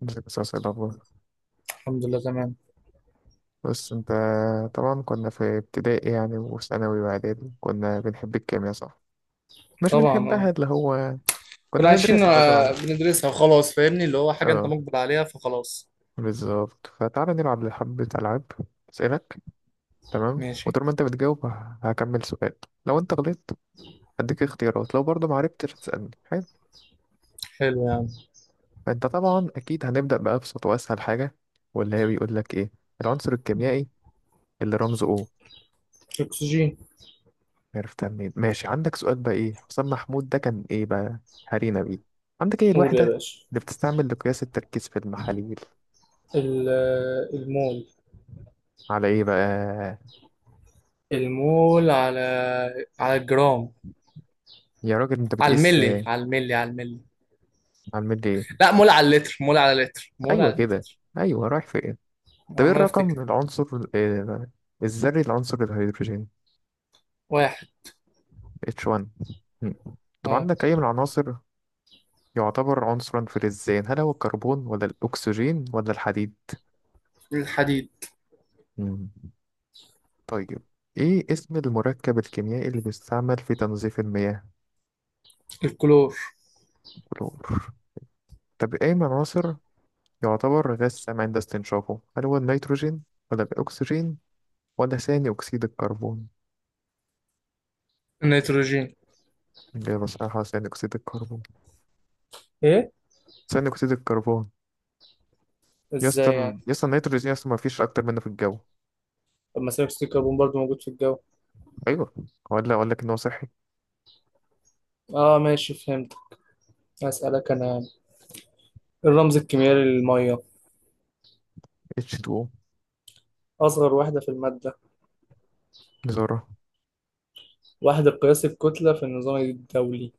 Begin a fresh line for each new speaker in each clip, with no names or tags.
بس أسأل الأخبار.
الحمد لله، تمام.
بس أنت، طبعا كنا في ابتدائي يعني وثانوي وإعدادي، كنا بنحب الكيمياء صح؟ مش
طبعا،
بنحبها
اه.
اللي هو كنا
كنا عايشين،
بندرسها غصب عننا.
بندرسها وخلاص. فاهمني اللي هو حاجة انت
اه،
مقبل عليها فخلاص.
بالظبط، فتعالى نلعب حبة ألعاب. أسألك، تمام،
ماشي.
وطول ما أنت بتجاوب هكمل سؤال. لو أنت غلطت هديك اختيارات، لو برضه معرفتش تسألني. حلو.
حلو يعني.
فأنت طبعا أكيد هنبدأ بأبسط وأسهل حاجة، واللي هي بيقول لك إيه العنصر الكيميائي اللي رمزه O؟
الاكسجين.
عرفتها منين؟ ماشي. عندك سؤال بقى، ايه حسام محمود ده كان ايه بقى؟ هارينا بيه. عندك ايه
قول
الوحدة
يا باشا.
اللي بتستعمل لقياس التركيز في المحاليل؟
المول.
على ايه بقى؟
المول على. على الجرام.
يا راجل انت
على
بتقيس
الملي على الملي على الملي.
على الملي ايه؟
لا، مول على اللتر مول على اللتر مول
ايوه
على
كده،
اللتر.
ايوه، رايح فين؟ طب ايه
عمال
الرقم
افتكر.
العنصر آه، الذري لعنصر الهيدروجين؟
واحد.
H1. مم. طب
اه،
عندك اي من العناصر يعتبر عنصرا فلزيا، هل هو الكربون ولا الاكسجين ولا الحديد؟
الحديد.
مم. طيب، ايه اسم المركب الكيميائي اللي بيستعمل في تنظيف المياه؟
الكلور.
كلور. طب ايه من العناصر يعتبر غاز سام عند استنشافه، هل هو النيتروجين ولا الاكسجين ولا ثاني اكسيد الكربون؟
النيتروجين.
الاجابه صحيحه ثاني اكسيد الكربون.
ايه؟
ثاني اكسيد الكربون.
ازاي يعني؟
يسطا يسطا النيتروجين يسطا ما فيش اكتر منه في الجو.
طب ما ثاني اكسيد الكربون برضه موجود في الجو.
ايوه، ولا اقول لك ان هو صحي.
اه، ماشي، فهمت. اسالك انا. الرمز الكيميائي للمية؟
H2O.
أصغر وحدة في المادة؟
ذره.
وحدة قياس الكتلة في النظام الدولي؟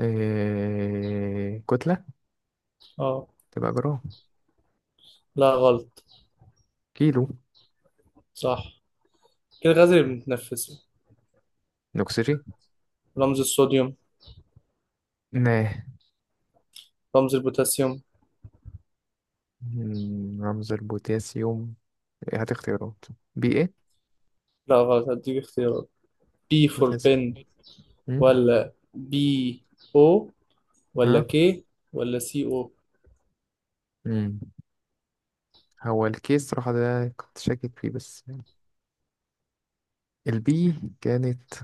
كتله.
اه.
تبقى جرام.
لا، غلط.
كيلو.
صح. إيه الغاز اللي بنتنفسه؟
الاكسجين.
رمز الصوديوم؟
ناه.
رمز البوتاسيوم؟
مم، رمز البوتاسيوم؟ إيه، هات اختيارات. بي ايه؟
لا غلط، هديك اختيارات. بي فور
بوتاسيوم.
بن.
مم.
ولا بي او، ولا
اه.
كي، ولا سي او.
مم. هو الكيس صراحة ده كنت شاكك فيه، بس البي كانت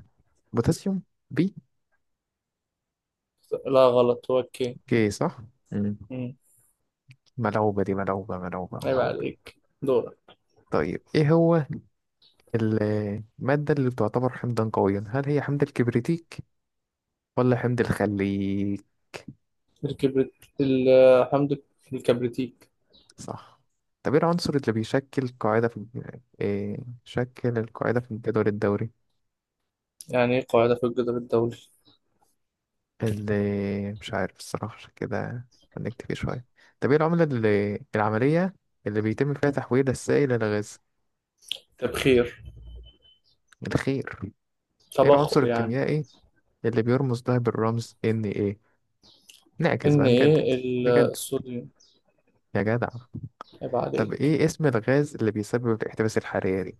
بوتاسيوم. بي.
لا غلط، هو كي.
كي صح. مم.
مم.
ملعوبة دي، ملعوبة، ملعوبة،
عيب
ملعوبة.
عليك. دورك.
طيب ايه هو المادة اللي تعتبر حمضا قويا، هل هي حمض الكبريتيك ولا حمض الخليك؟
الكبريت، الحمض الكبريتيك.
صح. طب ايه العنصر اللي بيشكل قاعدة في إيه شكل القاعدة في الجدول الدوري؟
يعني ايه قاعدة في الجدول الدولي؟
اللي مش عارف الصراحة، عشان كده هنكتفي شوية. طب ايه العملة اللي العملية اللي بيتم فيها تحويل السائل إلى غاز؟
تبخير.
الخير. ايه العنصر
تبخر يعني.
الكيميائي اللي بيرمز ده بالرمز Na؟ نعكس بقى نجدد. نجدد
الصوديوم.
يا جدع.
هيبقى
طب
عليك.
ايه اسم الغاز اللي بيسبب الاحتباس الحراري؟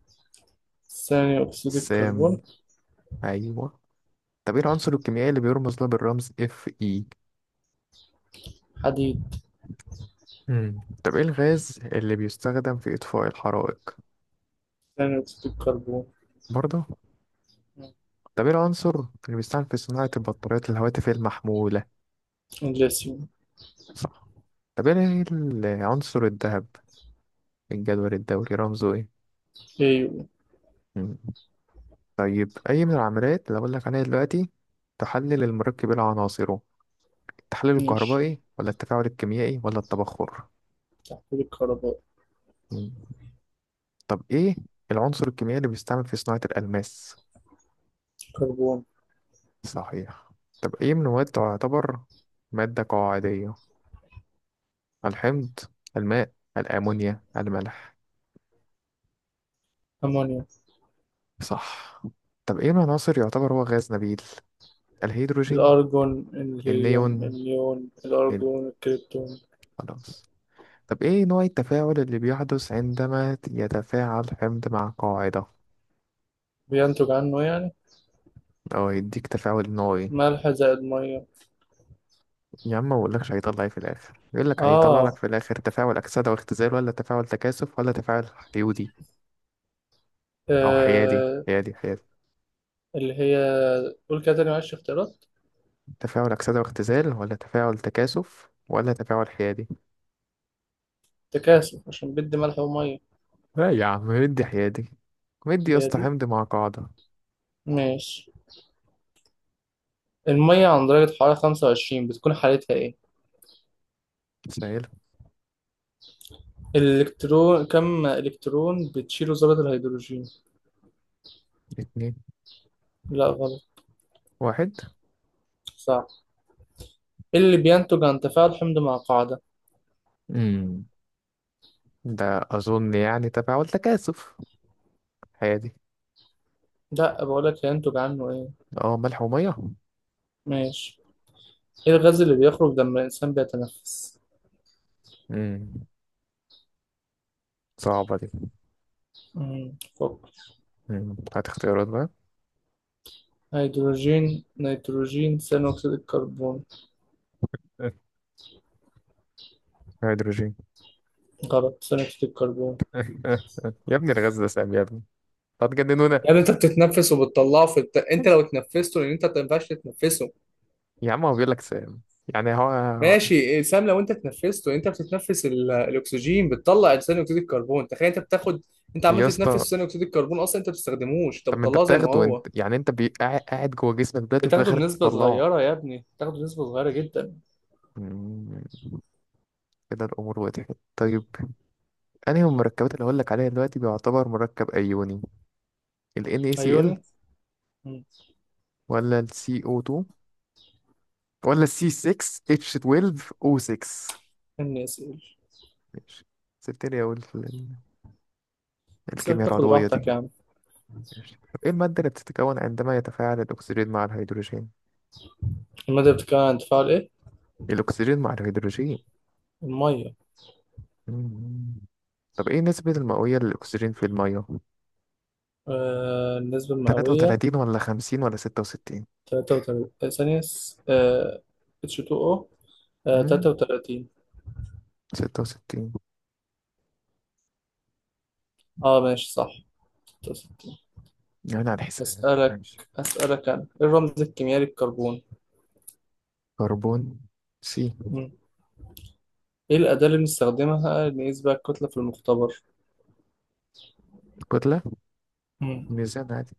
ثاني اكسيد
السام.
الكربون.
ايوه. طب ايه العنصر الكيميائي اللي بيرمز له بالرمز Fe؟
حديد.
مم. طب ايه الغاز اللي بيستخدم في إطفاء الحرائق؟
ثاني اكسيد الكربون.
برضه. طب ايه العنصر اللي بيستعمل في صناعة البطاريات الهواتف المحمولة؟
الليثيوم.
صح. طب ايه العنصر الذهب الجدول الدوري رمزه ايه؟
ايو.
مم. طيب أي من العمليات اللي أقول لك عليها دلوقتي تحلل المركب إلى عناصره، التحلل
ماشي.
الكهربائي ولا التفاعل الكيميائي ولا التبخر؟
تحويل الكربون.
مم. طب إيه العنصر الكيميائي اللي بيستعمل في صناعة الألماس؟
كربون.
صحيح. طب أي من المواد تعتبر مادة قاعدية، الحمض الماء الأمونيا الملح؟
امونيا.
صح. طب ايه العناصر يعتبر هو غاز نبيل، الهيدروجين؟
الارجون، الهيليوم،
النيون.
النيون،
ال-
الارجون، الكريبتون.
خلاص. طب ايه نوع التفاعل اللي بيحدث عندما يتفاعل حمض مع قاعدة،
بينتج عنه يعني.
او يديك تفاعل نوعي؟
ملح زائد ميه.
يا عم، ما بقولكش هيطلع ايه في الاخر، يقول لك هيطلع لك
اه.
في الاخر تفاعل اكسده واختزال ولا تفاعل تكاثف ولا تفاعل حيودي او حيادي،
آه.
حيادي، حيادي.
اللي هي. قول كده تاني، معلش، اختيارات.
تفاعل اكسده واختزال ولا تفاعل تكاثف ولا تفاعل حيادي؟
تكاثف، عشان بدي ملح وميه.
لا يا عم، مدي حيادي، مدي يا
هي
اسطى،
دي.
حمض مع قاعدة.
ماشي. المية عند درجة حرارة 25 بتكون حالتها إيه؟
سهل.
الإلكترون، كم إلكترون بتشيله ذرة الهيدروجين؟
اتنين.
لا غلط.
واحد.
صح. إيه اللي بينتج عن تفاعل حمض مع قاعدة؟
امم ده اظن يعني تبع والتكاثف هادي.
لا، بقولك هينتج عنه إيه؟
اه، ملح وميه.
ماشي. إيه الغاز اللي بيخرج لما الإنسان بيتنفس؟
امم صعبة دي.
مم، فكر.
هات اختيارات بقى.
هيدروجين، نيتروجين، ثاني أكسيد الكربون.
أه، هيدروجين.
غلط، ثاني أكسيد الكربون.
أه، أه. يا ابني، الغاز ده سام يا ابني، هتجننونا.
يعني أنت بتتنفس وبتطلعه في أنت لو اتنفسته، لأن أنت ما ينفعش تتنفسه.
يا عم، هو بيقول لك سام، يعني هو.
ماشي، سام. لو انت تنفسته، انت بتتنفس الاكسجين بتطلع ثاني اكسيد الكربون. تخيل انت بتاخد. انت عمال
يا اسطى،
تتنفس ثاني اكسيد الكربون اصلا، انت ما بتستخدموش، انت
طب ما انت
بتطلعه زي ما
بتاخده، وانت
هو.
يعني انت قاعد قاعد جوه جسمك دلوقتي وفي
بتاخده
الاخر
بنسبة
تطلعه.
صغيرة يا ابني، بتاخده بنسبة صغيرة جدا.
أمم. كده الامور وضحت. طيب، انهي من المركبات اللي هقول لك عليها دلوقتي بيعتبر مركب ايوني، ال NaCl
عيوني. مم.
ولا ال CO2 ولا سي 6 اتش 12 او 6؟
استني اسال.
ماشي، سبتني اقول في
سيبك
الكيمياء
تاخد
العضوية دي.
راحتك يا عم.
ماشي. طب ايه المادة اللي بتتكون عندما يتفاعل الاكسجين مع الهيدروجين؟
المادة بتتكون عن تفاعل ايه؟
الاكسجين مع الهيدروجين.
المية.
مم. طب ايه نسبة المئوية للاكسجين في المية،
النسبة المئوية.
33 ولا 50 ولا 66؟
33. آه، ثانية س- آه H2O.
مم.
33.
66.
اه ماشي صح.
يعني على الحساب
أسألك
ماشي.
أسألك أنا، إيه الرمز الكيميائي للكربون؟
كربون. سي.
مم. إيه الأداة اللي بنستخدمها نقيس بيها الكتلة في المختبر؟
كتلة.
مم.
ميزان عادي.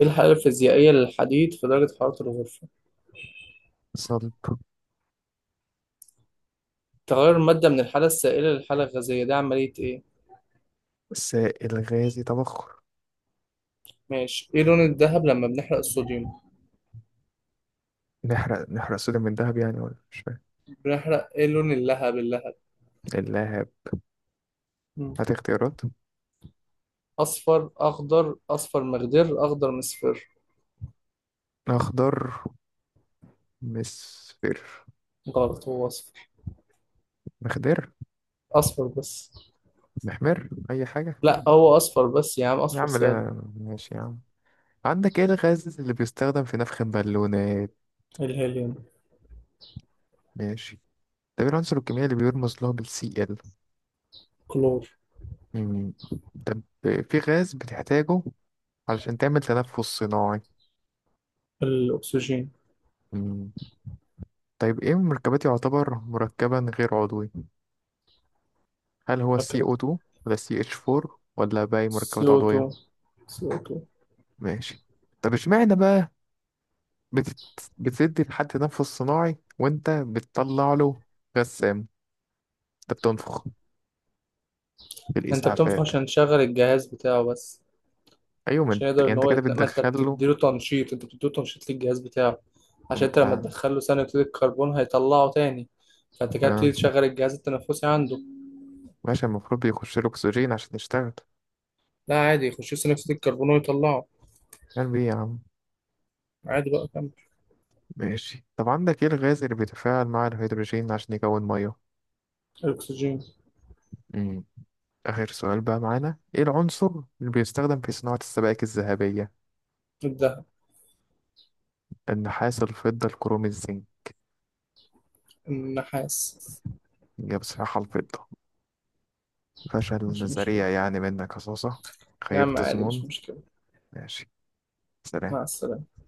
إيه الحالة الفيزيائية للحديد في درجة حرارة الغرفة؟
صلب.
تغير المادة من الحالة السائلة للحالة الغازية، ده عملية إيه؟
سائل غازي، تبخر.
ماشي. إيه لون الذهب لما بنحرق الصوديوم؟
نحرق، نحرق صوديوم من دهب يعني ولا مش؟
بنحرق، إيه لون اللهب، اللهب؟
اللاعب.
مم.
هات اختيارات.
أصفر أخضر، أصفر مخضر، أخضر مصفر.
اخضر مصفر.
غلط، هو أصفر.
مخضر.
أصفر بس.
محمر، اي حاجه.
لا هو أصفر بس يا عم،
يا
أصفر
عم
سادة.
لا، ماشي يا عم. عندك ايه الغاز اللي بيستخدم في نفخ البالونات؟
الهيليوم.
ماشي. طب ايه العنصر الكيميائي اللي بيرمز له بالسي ال؟
كلور.
مم. طب في غاز بتحتاجه علشان تعمل تنفس صناعي؟
الأكسجين.
مم. طيب ايه مركبات يعتبر مركبا غير عضوي، هل هو CO2 ولا CH4 ولا باقي مركبات
CO2.
عضوية؟
CO2.
ماشي. طب اشمعنى بقى بتدي لحد تنفس صناعي وانت بتطلع له غسام؟ انت بتنفخ
انت بتنفخ
بالاسعافات؟
عشان تشغل الجهاز بتاعه بس.
ايوه، ما انت
عشان يقدر
يعني
ان
انت
هو
كده
يتنقل، ما انت
بتدخل له.
بتديله تنشيط، انت بتديله تنشيط للجهاز بتاعه. عشان
وانت
انت لما تدخله ثاني اكسيد الكربون هيطلعه تاني. فانت كده
آه.
بتبتدي تشغل الجهاز التنفسي عنده.
ماشي، المفروض بيخش له اكسجين عشان يشتغل.
لا، عادي يخش ثاني اكسيد الكربون ويطلعه.
يعني بيه إيه يا عم؟
عادي بقى، كمل.
ماشي. طب عندك ايه الغاز اللي بيتفاعل مع الهيدروجين عشان يكون ميه؟
الاكسجين.
امم اخر سؤال بقى معانا، ايه العنصر اللي بيستخدم في صناعة السبائك الذهبية؟
الدهب.
النحاس الفضة الكروم الزنك.
النحاس.
يا، بصراحة الفضة، فشل
مش مشكلة.
ذريع يعني منك يا صوصة.
يا عم
خيبت
عادي، مش
ظنون.
مشكلة.
ماشي.
مع
سلام.
السلامة.